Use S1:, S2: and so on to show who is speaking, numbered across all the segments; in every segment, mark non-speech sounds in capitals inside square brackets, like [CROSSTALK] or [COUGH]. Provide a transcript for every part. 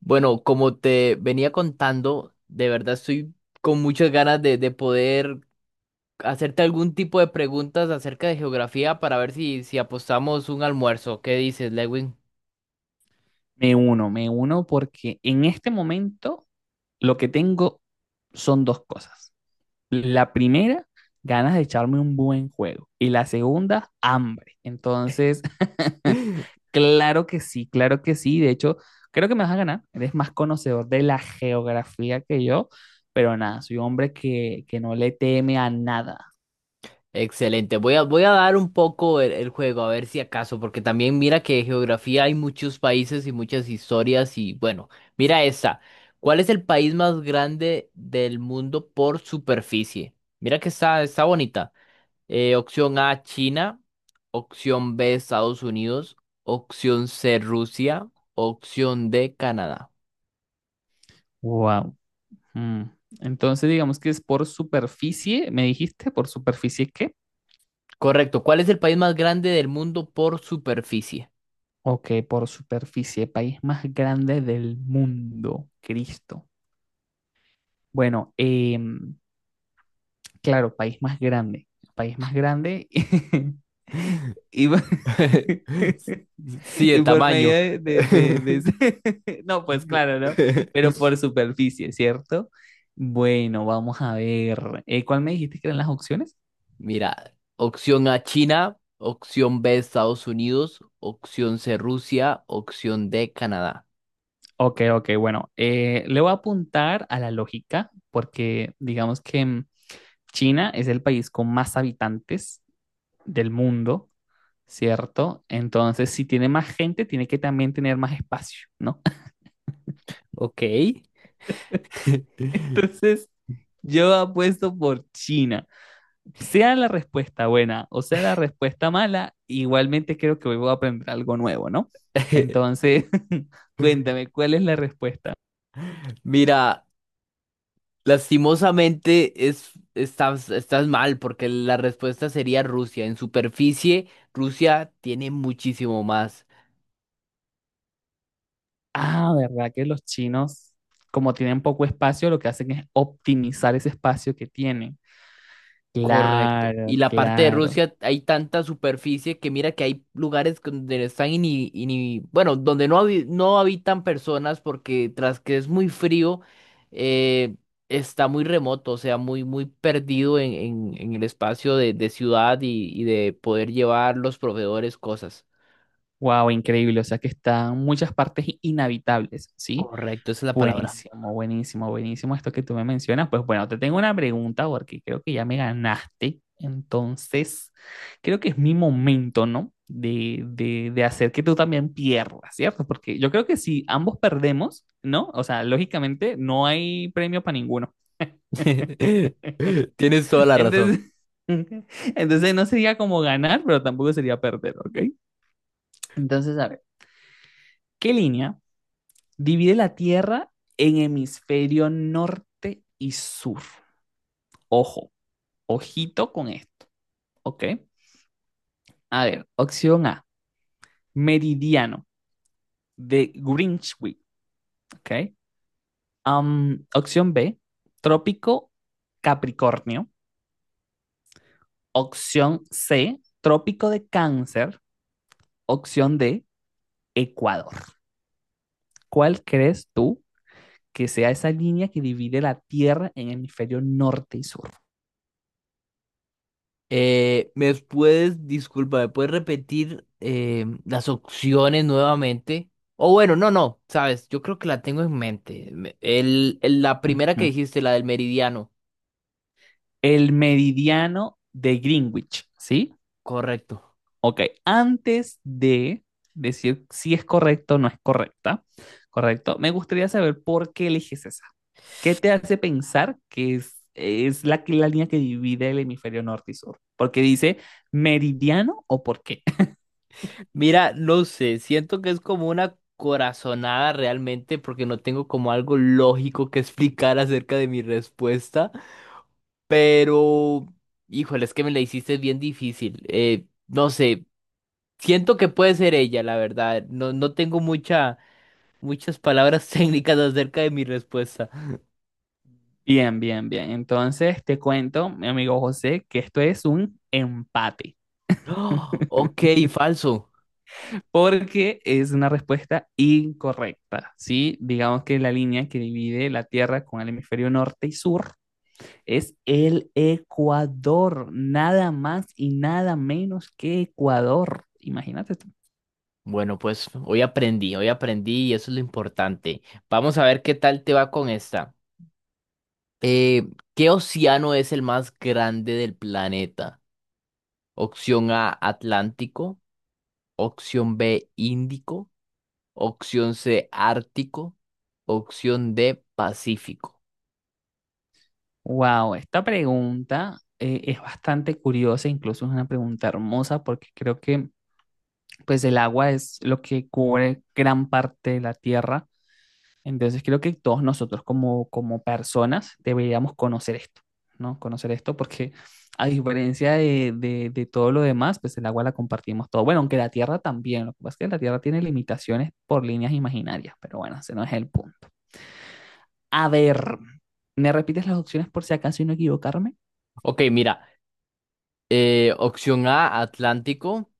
S1: Bueno, como te venía contando, de verdad estoy con muchas ganas de poder hacerte algún tipo de preguntas acerca de geografía para ver si apostamos un almuerzo. ¿Qué dices, Lewin?
S2: Me uno porque en este momento lo que tengo son dos cosas. La primera, ganas de echarme un buen juego. Y la segunda, hambre. Entonces, [LAUGHS]
S1: [LAUGHS]
S2: claro que sí, claro que sí. De hecho, creo que me vas a ganar. Eres más conocedor de la geografía que yo, pero nada, soy un hombre que no le teme a nada.
S1: Excelente. Voy a dar un poco el juego, a ver si acaso, porque también mira que de geografía hay muchos países y muchas historias y bueno, mira esta. ¿Cuál es el país más grande del mundo por superficie? Mira que está bonita. Opción A, China. Opción B, Estados Unidos. Opción C, Rusia. Opción D, Canadá.
S2: Wow. Entonces, digamos que es por superficie, me dijiste, por superficie, ¿qué?
S1: Correcto. ¿Cuál es el país más grande del mundo por superficie?
S2: Ok, por superficie, país más grande del mundo, Cristo. Bueno, claro, país más grande [LAUGHS] y, por
S1: [LAUGHS]
S2: [LAUGHS]
S1: Sí, de
S2: y por medio
S1: tamaño.
S2: [LAUGHS] No, pues claro,
S1: [LAUGHS]
S2: ¿no? Pero por superficie, ¿cierto? Bueno, vamos a ver, ¿cuál me dijiste que eran las opciones?
S1: Mira, opción A, China. Opción B, Estados Unidos. Opción C, Rusia. Opción D, Canadá.
S2: Ok, ok, bueno, le voy a apuntar a la lógica porque digamos que... China es el país con más habitantes del mundo, ¿cierto? Entonces, si tiene más gente, tiene que también tener más espacio, ¿no?
S1: Ok.
S2: [LAUGHS]
S1: [LAUGHS]
S2: Entonces, yo apuesto por China. Sea la respuesta buena o sea la respuesta mala, igualmente creo que hoy voy a aprender algo nuevo, ¿no? Entonces, [LAUGHS] cuéntame, ¿cuál es la respuesta?
S1: Mira. Lastimosamente estás, estás mal porque la respuesta sería Rusia. En superficie, Rusia tiene muchísimo más.
S2: Ah, ¿verdad que los chinos, como tienen poco espacio, lo que hacen es optimizar ese espacio que tienen?
S1: Correcto. Y
S2: Claro,
S1: la parte de
S2: claro.
S1: Rusia hay tanta superficie que mira que hay lugares que donde están bueno, donde no, no habitan personas porque tras que es muy frío, eh, está muy remoto, o sea, muy, muy perdido en el espacio de ciudad y de poder llevar los proveedores cosas.
S2: Wow, increíble. O sea que están muchas partes inhabitables, ¿sí?
S1: Correcto, esa es la palabra.
S2: Buenísimo, buenísimo, buenísimo esto que tú me mencionas. Pues bueno, te tengo una pregunta porque creo que ya me ganaste. Entonces, creo que es mi momento, ¿no? De hacer que tú también pierdas, ¿cierto? Porque yo creo que si ambos perdemos, ¿no? O sea, lógicamente no hay premio para ninguno. [LAUGHS]
S1: [LAUGHS] Tienes toda la razón.
S2: Entonces, [LAUGHS] entonces no sería como ganar, pero tampoco sería perder, ¿ok? Entonces, a ver, ¿qué línea divide la Tierra en hemisferio norte y sur? Ojo, ojito con esto, ¿ok? A ver, opción A, meridiano de Greenwich, ¿ok? Opción B, trópico Capricornio. Opción C, trópico de Cáncer. Opción D, Ecuador. ¿Cuál crees tú que sea esa línea que divide la Tierra en hemisferio norte y sur?
S1: Disculpa, ¿me puedes repetir las opciones nuevamente? O bueno, no, no, sabes, yo creo que la tengo en mente. La primera que
S2: Ujú.
S1: dijiste, la del meridiano,
S2: El meridiano de Greenwich, ¿sí?
S1: correcto.
S2: Ok, antes de decir si es correcto o no es correcta, ¿correcto? Me gustaría saber por qué eliges esa. ¿Qué te hace pensar que es la línea que divide el hemisferio norte y sur? Porque dice meridiano o por qué. [LAUGHS]
S1: Mira, no sé, siento que es como una corazonada realmente porque no tengo como algo lógico que explicar acerca de mi respuesta, pero, híjole, es que me la hiciste bien difícil. No sé. Siento que puede ser ella, la verdad. No, muchas palabras [LAUGHS] técnicas acerca de mi respuesta.
S2: Bien, bien, bien. Entonces te cuento, mi amigo José, que esto es un empate.
S1: ¡Oh! Ok, falso.
S2: Porque es una respuesta incorrecta, ¿sí? Digamos que la línea que divide la Tierra con el hemisferio norte y sur es el Ecuador, nada más y nada menos que Ecuador. Imagínate tú.
S1: Bueno, pues hoy aprendí y eso es lo importante. Vamos a ver qué tal te va con esta. Eh, ¿Qué océano es el más grande del planeta? Opción A, Atlántico. Opción B, Índico. Opción C, Ártico. Opción D, Pacífico.
S2: Wow, esta pregunta es bastante curiosa, incluso es una pregunta hermosa porque creo que pues el agua es lo que cubre gran parte de la Tierra. Entonces creo que todos nosotros como, como personas deberíamos conocer esto, ¿no? Conocer esto porque a diferencia de, de todo lo demás, pues el agua la compartimos todo. Bueno, aunque la tierra también, lo que pasa es que la tierra tiene limitaciones por líneas imaginarias, pero bueno, ese no es el punto. A ver, ¿me repites las opciones por si acaso y no equivocarme?
S1: Ok, mira. Opción A, Atlántico.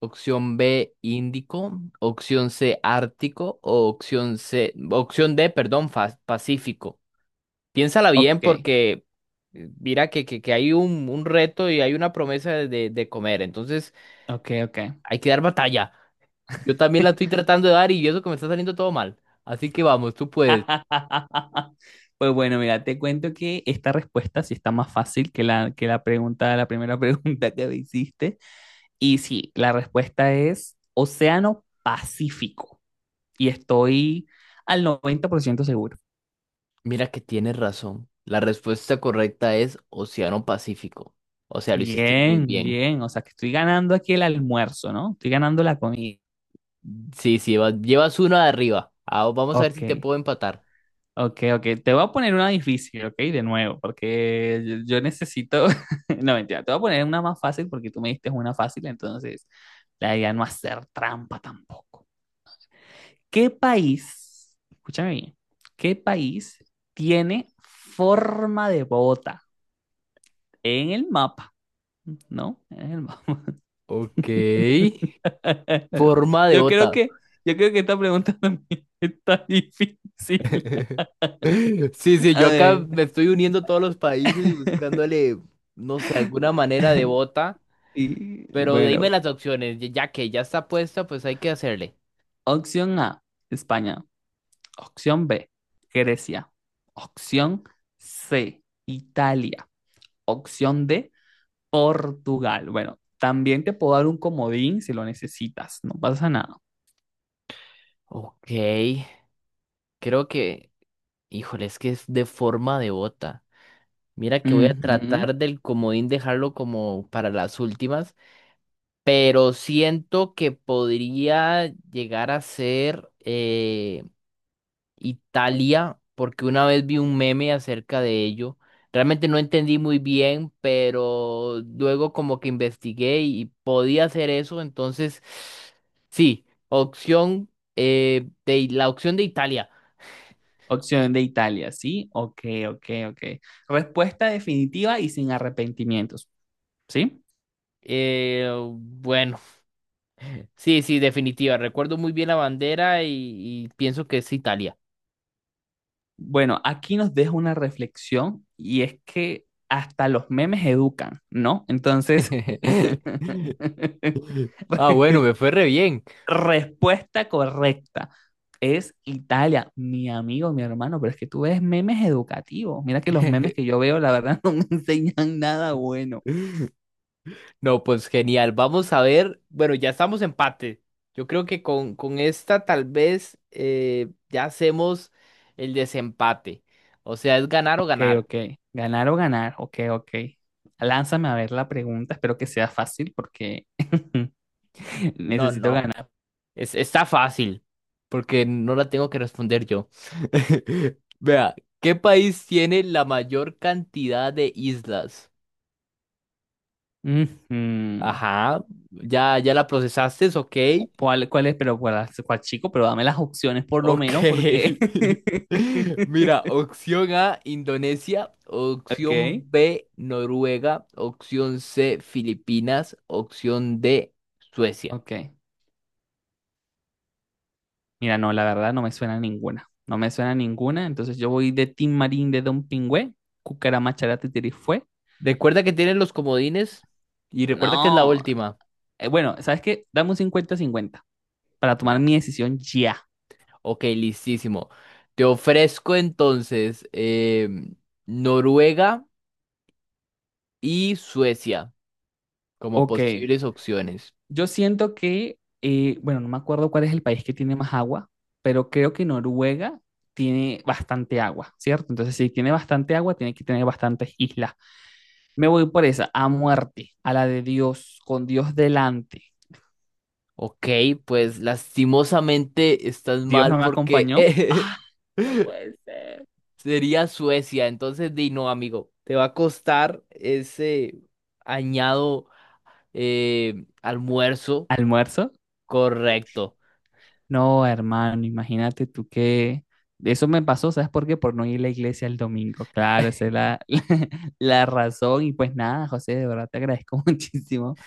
S1: Opción B, Índico. Opción C, Ártico. Opción D, perdón, Pacífico. Piénsala bien
S2: Ok,
S1: porque mira que hay un reto y hay una promesa de de comer. Entonces
S2: ok, ok.
S1: hay que dar batalla. Yo también la estoy tratando de dar y eso que me está saliendo todo mal. Así que vamos, tú puedes.
S2: [LAUGHS] Pues bueno, mira, te cuento que esta respuesta sí está más fácil que la pregunta, la primera [LAUGHS] pregunta que me hiciste. Y sí, la respuesta es Océano Pacífico. Y estoy al 90% seguro.
S1: Mira que tienes razón. La respuesta correcta es Océano Pacífico. O sea, lo hiciste muy
S2: Bien,
S1: bien.
S2: bien. O sea, que estoy ganando aquí el almuerzo, ¿no? Estoy ganando la comida.
S1: Sí, sí, llevas uno de arriba. Ah, vamos a ver
S2: Ok,
S1: si te puedo empatar.
S2: ok, ok. Te voy a poner una difícil, ok, de nuevo, porque yo necesito. [LAUGHS] No, mentira. Te voy a poner una más fácil porque tú me diste una fácil, entonces la idea no hacer trampa tampoco. ¿Qué país, escúchame bien, qué país tiene forma de bota en el mapa, ¿no? En el mapa.
S1: Ok.
S2: [LAUGHS]
S1: Forma de
S2: Yo creo
S1: bota.
S2: que, yo creo que esta pregunta [LAUGHS] también está difícil.
S1: [LAUGHS] Sí, sí,
S2: A
S1: yo acá
S2: ver.
S1: me estoy uniendo todos los países y
S2: [LAUGHS]
S1: buscándole, no sé, alguna manera de bota.
S2: Y
S1: Pero dime
S2: bueno,
S1: las opciones, ya que ya está puesta, pues hay que hacerle.
S2: opción A, España. Opción B, Grecia. Opción C, Italia. Opción D, Portugal. Bueno, también te puedo dar un comodín si lo necesitas, no pasa nada.
S1: Ok, creo que, híjole, es que es de forma de bota. Mira que voy a
S2: Ujú.
S1: tratar del comodín dejarlo como para las últimas. Pero siento que podría llegar a ser Italia, porque una vez vi un meme acerca de ello. Realmente no entendí muy bien, pero luego como que investigué y podía hacer eso, entonces sí, opción de la opción de Italia.
S2: Opción de Italia, ¿sí? Ok, ok, ok. Respuesta definitiva y sin arrepentimientos, ¿sí?
S1: Eh, bueno, sí, sí, definitiva. Recuerdo muy bien la bandera y pienso que es Italia.
S2: Bueno, aquí nos deja una reflexión y es que hasta los memes educan, ¿no? Entonces,
S1: [LAUGHS]
S2: [LAUGHS]
S1: Ah, bueno, me fue re bien.
S2: respuesta correcta es Italia, mi amigo, mi hermano, pero es que tú ves memes educativos. Mira que los memes que
S1: [LAUGHS]
S2: yo veo, la verdad, [LAUGHS] no me enseñan nada bueno.
S1: No, pues genial. Vamos a ver. Bueno, ya estamos empate. Yo creo que con esta tal vez ya hacemos el desempate. O sea, es ganar o
S2: Ok,
S1: ganar.
S2: ok. Ganar o ganar. Ok, ok. Lánzame a ver la pregunta. Espero que sea fácil porque [LAUGHS]
S1: No,
S2: necesito
S1: no.
S2: ganar.
S1: Es, está fácil, porque no la tengo que responder yo. [LAUGHS] Vea, ¿qué país tiene la mayor cantidad de islas?
S2: Ujú.
S1: Ajá, ya la procesaste, ok.
S2: ¿Cuál es? Pero cuál chico, pero dame las opciones por lo
S1: Ok.
S2: menos porque...
S1: [LAUGHS]
S2: [LAUGHS]
S1: Mira, opción A, Indonesia, opción
S2: Ok,
S1: B, Noruega, opción C, Filipinas, opción D, Suecia.
S2: ok. Mira, no, la verdad no me suena ninguna. No me suena ninguna. Entonces yo voy de Tim Marín de Don Pingüe. Cucarama Charate fue.
S1: Recuerda que tienen los comodines y recuerda que es la
S2: No.
S1: última.
S2: Bueno, ¿sabes qué? Dame un 50 cincuenta para tomar
S1: Mira,
S2: mi decisión ya.
S1: ok, listísimo. Te ofrezco entonces Noruega y Suecia como
S2: Ok,
S1: posibles opciones.
S2: yo siento que, bueno, no me acuerdo cuál es el país que tiene más agua, pero creo que Noruega tiene bastante agua, ¿cierto? Entonces, si tiene bastante agua, tiene que tener bastantes islas. Me voy por esa, a muerte, a la de Dios, con Dios delante.
S1: Ok, pues lastimosamente estás
S2: Dios
S1: mal
S2: no me
S1: porque…
S2: acompañó.
S1: [LAUGHS]
S2: Ah, no
S1: [LAUGHS]
S2: puede ser.
S1: Sería Suecia, entonces di no, amigo, te va a costar ese añado almuerzo
S2: Almuerzo.
S1: correcto.
S2: No, hermano, imagínate tú que eso me pasó, ¿sabes por qué? Por no ir a la iglesia el domingo. Claro, esa es
S1: [LAUGHS]
S2: la, [LAUGHS] la razón. Y pues nada, José, de verdad te agradezco [LAUGHS] muchísimo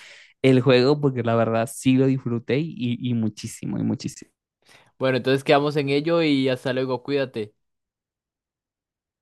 S2: el juego porque la verdad sí lo disfruté y muchísimo, y muchísimo.
S1: Bueno, entonces quedamos en ello y hasta luego, cuídate.